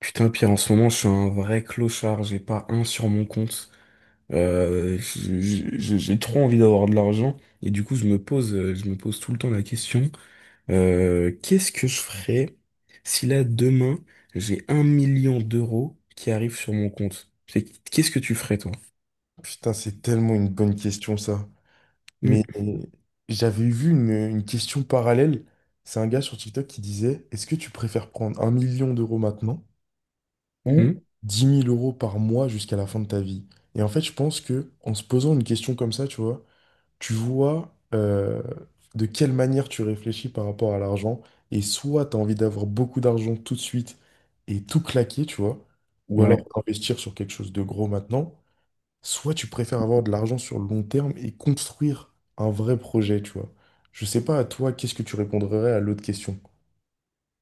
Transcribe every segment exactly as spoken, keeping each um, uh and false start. Putain, Pierre, en ce moment, je suis un vrai clochard. J'ai pas un sur mon compte. Euh, j- j- j'ai j'ai trop envie d'avoir de l'argent. Et du coup, je me pose, euh, je me pose tout le temps la question, euh, qu'est-ce que je ferais si là, demain, j'ai un million d'euros qui arrivent sur mon compte? C'est- Qu'est-ce que tu ferais, toi? Putain, c'est tellement une bonne question, ça. Mais euh, j'avais vu une, une question parallèle. C'est un gars sur TikTok qui disait, est-ce que tu préfères prendre un million d'euros maintenant ou Mhm. dix mille euros par mois jusqu'à la fin de ta vie? Et en fait, je pense que en se posant une question comme ça, tu vois, tu vois euh, de quelle manière tu réfléchis par rapport à l'argent. Et soit tu as envie d'avoir beaucoup d'argent tout de suite et tout claquer, tu vois, ou alors Ouais. investir sur quelque chose de gros maintenant. Soit tu préfères avoir de l'argent sur le long terme et construire un vrai projet, tu vois. Je sais pas, à toi, qu'est-ce que tu répondrais à l'autre question?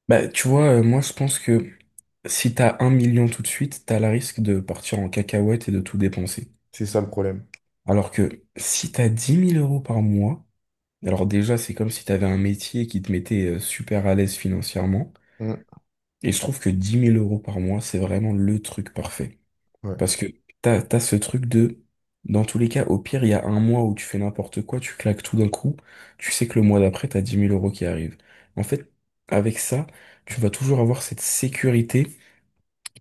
Bah, tu vois, euh, moi, je pense que si t'as un million tout de suite, t'as le risque de partir en cacahuète et de tout dépenser. C'est ça le problème. Alors que si t'as dix mille euros par mois, alors déjà, c'est comme si tu avais un métier qui te mettait euh, super à l'aise financièrement. Mm, Et je trouve que dix mille euros par mois, c'est vraiment le truc parfait. ouais. Parce que t'as, t'as ce truc de, dans tous les cas, au pire, il y a un mois où tu fais n'importe quoi, tu claques tout d'un coup, tu sais que le mois d'après, t'as dix mille euros qui arrivent. En fait, avec ça, tu vas toujours avoir cette sécurité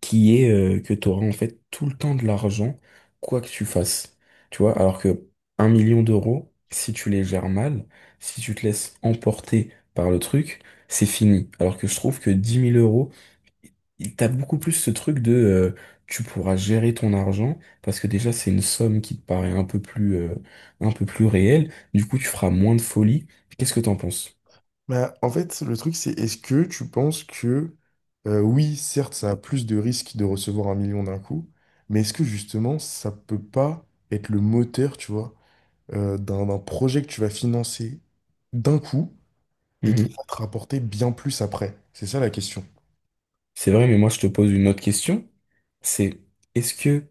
qui est euh, que tu auras en fait tout le temps de l'argent, quoi que tu fasses. Tu vois, alors que un million d'euros, si tu les gères mal, si tu te laisses emporter par le truc, c'est fini. Alors que je trouve que dix mille euros, il- t'as beaucoup plus ce truc de euh, tu pourras gérer ton argent parce que déjà c'est une somme qui te paraît un peu plus euh, un peu plus réelle. Du coup, tu feras moins de folie. Qu'est-ce que t'en penses? Bah, en fait, le truc, c'est est-ce que tu penses que, euh, oui, certes, ça a plus de risques de recevoir un million d'un coup, mais est-ce que justement, ça peut pas être le moteur, tu vois, euh, d'un d'un projet que tu vas financer d'un coup et qui Mhm. va te rapporter bien plus après? C'est ça la question. C'est vrai, mais moi je te pose une autre question. C'est est-ce que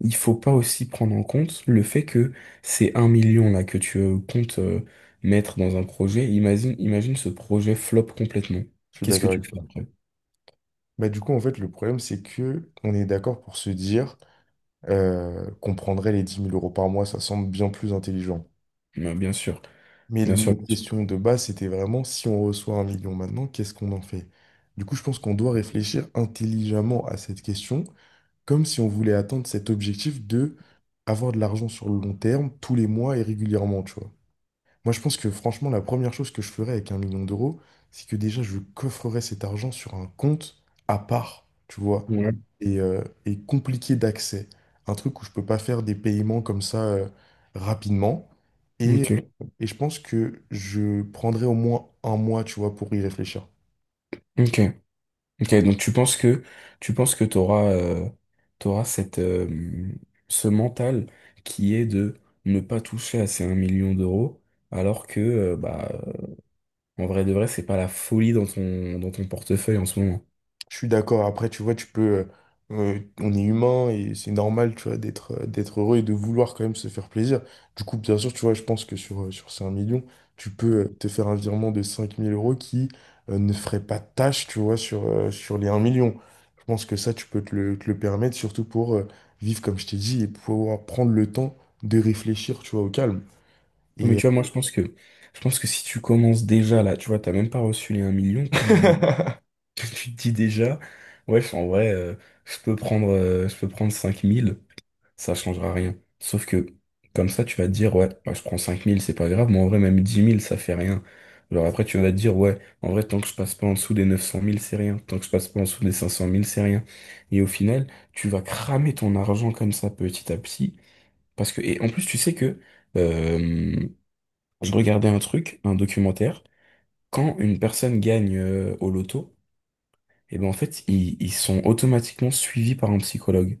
il faut pas aussi prendre en compte le fait que c'est un million là que tu euh, comptes euh, mettre dans un projet. Imagine, imagine ce projet flop complètement. Je suis Qu'est-ce que d'accord tu avec fais après? Bah, du coup, en fait, le problème, c'est que on est d'accord pour se dire euh, qu'on prendrait les dix mille euros par mois, ça semble bien plus intelligent. Bah, bien sûr, Mais bien sûr, notre bien sûr. question de base, c'était vraiment si on reçoit un million maintenant, qu'est-ce qu'on en fait? Du coup, je pense qu'on doit réfléchir intelligemment à cette question, comme si on voulait atteindre cet objectif de avoir de l'argent sur le long terme, tous les mois et régulièrement, tu vois. Moi, je pense que franchement, la première chose que je ferais avec un million d'euros, c'est que déjà, je coffrerais cet argent sur un compte à part, tu vois, Ouais. et, euh, et compliqué d'accès. Un truc où je peux pas faire des paiements comme ça, euh, rapidement. Et, Ok, et je pense que je prendrais au moins un mois, tu vois, pour y réfléchir. ok, ok. Donc tu penses que tu penses que t'auras euh, t'auras cette euh, ce mental qui est de ne pas toucher à ces un million d'euros, alors que euh, bah en vrai de vrai c'est pas la folie dans ton dans ton portefeuille en ce moment. Je suis d'accord. Après, tu vois, tu peux, euh, euh, on est humain et c'est normal, tu vois, d'être euh, d'être heureux et de vouloir quand même se faire plaisir. Du coup, bien sûr, tu vois, je pense que sur, euh, sur ces un million, tu peux, euh, te faire un virement de cinq mille euros qui, euh, ne ferait pas tâche, tu vois, sur, euh, sur les un million. Je pense que ça, tu peux te le, te le permettre, surtout pour euh, vivre, comme je t'ai dit, et pouvoir prendre le temps de réfléchir, tu vois, au calme. Non, mais Et, tu vois, moi, je pense que, je pense que si tu commences déjà là, tu vois, t'as même pas reçu les un million, tu te dis, dé- tu te dis déjà, ouais, en vrai, euh, je peux prendre, euh, je peux prendre cinq mille ça changera rien. Sauf que, comme ça, tu vas te dire, ouais, bah, je prends cinq mille c'est pas grave, mais en vrai, même dix mille ça fait rien. Alors après, tu vas te dire, ouais, en vrai, tant que je passe pas en dessous des neuf cent mille c'est rien. Tant que je passe pas en dessous des cinq cent mille c'est rien. Et au final, tu vas cramer ton argent comme ça, petit à petit. Parce que, et en plus, tu sais que, euh, je regardais un truc, un documentaire. Quand une personne gagne euh, au loto, et ben en fait, ils, ils sont automatiquement suivis par un psychologue.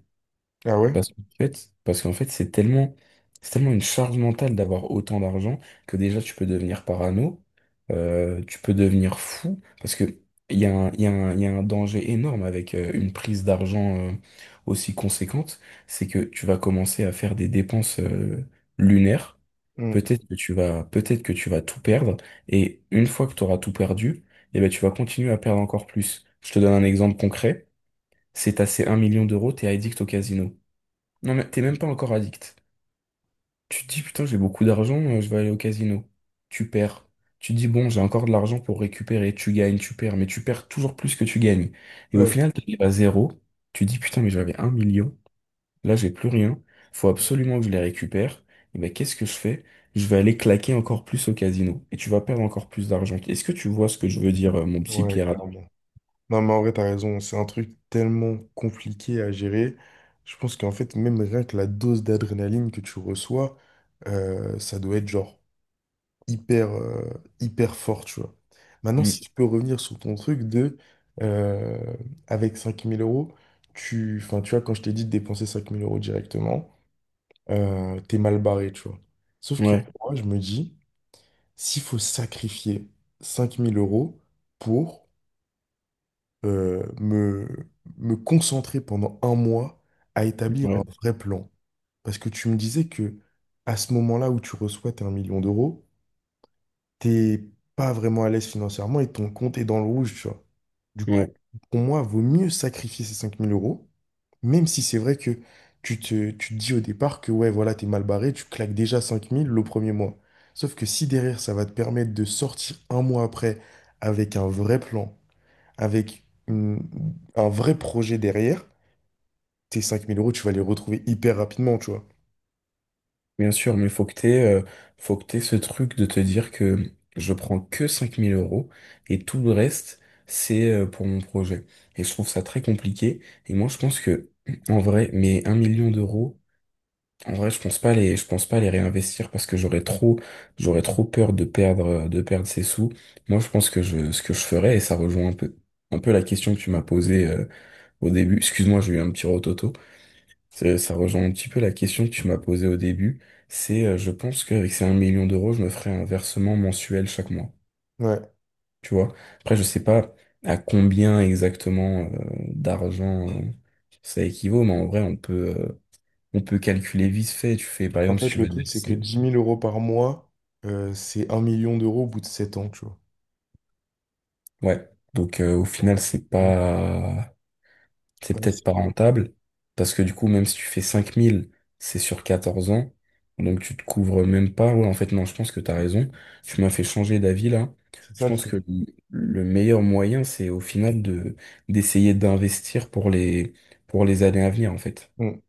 ah ouais? Parce qu'en fait, parce qu'en fait, c'est tellement, c'est tellement une charge mentale d'avoir autant d'argent que déjà tu peux devenir parano, euh, tu peux devenir fou, parce que il y a un, il y a un, il y a un danger énorme avec euh, une prise d'argent euh, aussi conséquente, c'est que tu vas commencer à faire des dépenses euh, lunaires. Mm. Peut-être que tu vas, peut-être que tu vas tout perdre, et une fois que tu auras tout perdu, eh ben, tu vas continuer à perdre encore plus. Je te donne un exemple concret. C'est assez un million d'euros, t'es addict au casino. Non, mais t'es même pas encore addict. Tu te dis, putain, j'ai beaucoup d'argent, euh, je vais aller au casino. Tu perds. Tu te dis, bon, j'ai encore de l'argent pour récupérer. Tu gagnes, tu perds, mais tu perds toujours plus que tu gagnes. Et au Ouais. final, tu t'arrives à zéro. Tu te dis, putain, mais j'avais un million. Là, j'ai plus rien. Faut absolument que je les récupère. Et ben, qu'est-ce que je fais? Je vais aller claquer encore plus au casino. Et tu vas perdre encore plus d'argent. Est-ce que tu vois ce que je veux dire, euh, mon petit Ouais, Pierre? clairement. Non, mais en vrai, t'as raison. C'est un truc tellement compliqué à gérer. Je pense qu'en fait, même rien que la dose d'adrénaline que tu reçois, euh, ça doit être genre hyper, euh, hyper fort, tu vois. Maintenant, si Hmm. tu peux revenir sur ton truc de, euh, avec cinq mille euros, tu, enfin, tu vois, quand je t'ai dit de dépenser cinq mille euros directement, euh, t'es mal barré, tu vois. Sauf que Ouais, moi, je me dis, s'il faut sacrifier cinq mille euros pour euh, me, me concentrer pendant un mois à établir un ouais, vrai plan. Parce que tu me disais que à ce moment-là où tu reçois tes un million d'euros, t'es pas vraiment à l'aise financièrement et ton compte est dans le rouge, tu vois. Du coup, ouais. pour moi, vaut mieux sacrifier ces cinq mille euros, même si c'est vrai que tu te, tu te dis au départ que ouais, voilà, t'es mal barré, tu claques déjà cinq mille le premier mois. Sauf que si derrière, ça va te permettre de sortir un mois après avec un vrai plan, avec une- un vrai projet derrière, tes cinq mille euros, tu vas les retrouver hyper rapidement, tu vois. Bien sûr, mais faut que t'aies, euh, faut que t'aies ce truc de te dire que je prends que cinq mille euros et tout le reste, c'est euh, pour mon projet. Et je trouve ça très compliqué. Et moi, je pense que, en vrai, mais un million d'euros, en vrai, je pense pas les, je pense pas les réinvestir parce que j'aurais trop, j'aurais trop peur de perdre, de perdre ces sous. Moi, je pense que je, ce que je ferais, et ça rejoint un peu, un peu la question que tu m'as posée, euh, au début. Excuse-moi, j'ai eu un petit rototo. Ça, ça rejoint un petit peu la question que tu m'as posée au début. C'est, euh, je pense qu'avec ces un million d'euros, je me ferai un versement mensuel chaque mois. Ouais. Tu vois? Après, je sais pas à combien exactement euh, d'argent euh, ça équivaut, mais en vrai, on peut, euh, on peut calculer vite fait. Tu fais, par En exemple, si fait, tu le veux te truc, c'est que verser. dix mille euros par mois, euh, c'est un million d'euros au bout de sept ans, tu vois. Ouais. Donc, euh, au final, c'est Donc, pas. C'est ouais, peut-être c'est pas rentable, parce que du coup, même si tu fais cinq mille c'est sur quatorze ans, donc tu te couvres même pas. Ouais, en fait, non, je pense que t'as raison. Tu m'as fait changer d'avis là. c'est Je ça le pense truc. que le le meilleur moyen, c'est au final de d'essayer d'investir pour les pour les années à venir, en fait. Mm.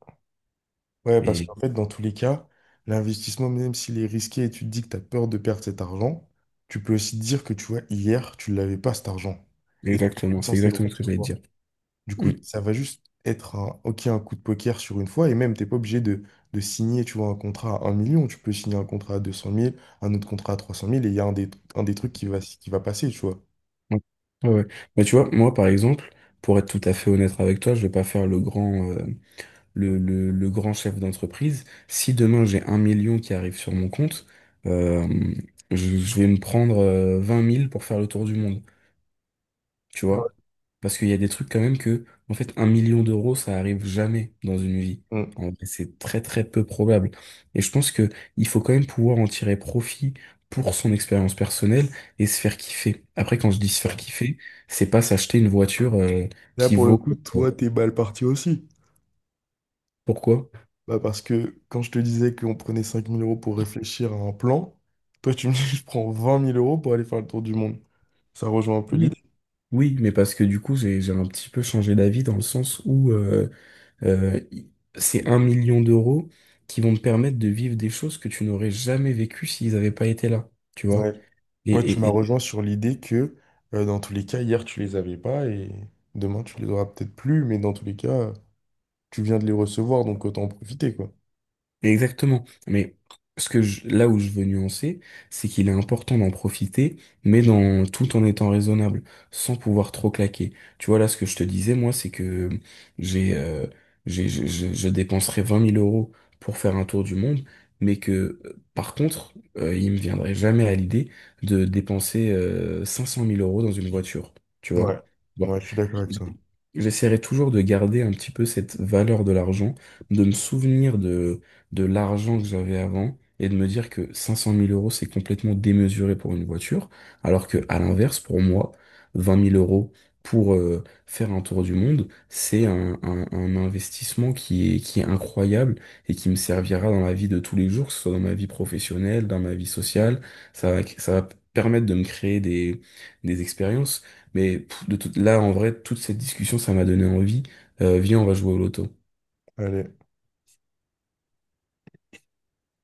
Ouais, parce Et qu'en fait, dans tous les cas, l'investissement, même s'il est risqué et tu te dis que tu as peur de perdre cet argent, tu peux aussi te dire que, tu vois, hier, tu l'avais pas cet argent. Et tu exactement, es c'est censé le exactement ce que j'allais te recevoir. dire. Du coup, Mm. ça va juste être un, ok, un coup de poker sur une fois, et même, t'es pas obligé de, de signer, tu vois, un contrat à un million. Tu peux signer un contrat à deux cent mille, un autre contrat à trois cent mille et il y a un des, un des trucs qui va, qui va passer, tu vois. Ouais, ouais, ouais. Mais tu vois, moi, par exemple, pour être tout à fait honnête avec toi, je vais pas faire le grand. euh, le, le- le grand chef d'entreprise, si demain j'ai un million qui arrive sur mon compte, euh, je, je vais me prendre euh, vingt mille pour faire le tour du monde, tu Ouais. vois? Parce qu'il y a des trucs quand même que, en fait, un million d'euros, ça arrive jamais dans une vie. Mm. En vrai, c'est très très peu probable. Et je pense que il faut quand même pouvoir en tirer profit pour son expérience personnelle et se faire kiffer. Après, quand je dis se faire kiffer, c'est pas s'acheter une voiture euh, Là, qui pour le vaut. coup, euh, toi, t'es mal parti aussi. Pourquoi? Bah, parce que quand je te disais qu'on prenait cinq mille euros pour réfléchir à un plan, toi, tu me dis, je prends vingt mille euros pour aller faire le tour du monde. Ça rejoint un peu l'idée. Oui, mais parce que du coup, j'ai, j'ai un petit peu changé d'avis dans le sens où euh, euh, i- c'est un million d'euros qui vont te permettre de vivre des choses que tu n'aurais jamais vécues s'ils n'avaient pas été là, tu vois. Ouais. Ouais, tu Et, m'as et, rejoint sur l'idée que euh, dans tous les cas, hier tu les avais pas et demain tu les auras peut-être plus, mais dans tous les cas, tu viens de les recevoir, donc autant en profiter, quoi. Exactement. Mais ce que je- là où je veux nuancer, c'est qu'il est important d'en profiter, mais dans, tout en étant raisonnable, sans pouvoir trop claquer. Tu vois, là, ce que je te disais, moi, c'est que j'ai, euh, j'ai, je, je- je dépenserais vingt mille euros pour faire un tour du monde, mais que, euh, par contre, euh, il me viendrait jamais à l'idée de dépenser, euh, cinq cent mille euros dans une voiture. Tu Ouais, vois? Bon. ouais, je suis d'accord avec toi. J'essaierai toujours de garder un petit peu cette valeur de l'argent, de me souvenir de de l'argent que j'avais avant et de me dire que cinq cent mille euros, c'est complètement démesuré pour une voiture, alors que à l'inverse, pour moi, vingt mille euros pour euh, faire un tour du monde, c'est un, un- un investissement qui est, qui est incroyable et qui me servira dans la vie de tous les jours, que ce soit dans ma vie professionnelle, dans ma vie sociale. Ça va, ça va permettre de me créer des, des expériences. Mais pff, de tout- là, en vrai, toute cette discussion, ça m'a donné envie. Euh, viens, on va jouer au loto. Allez.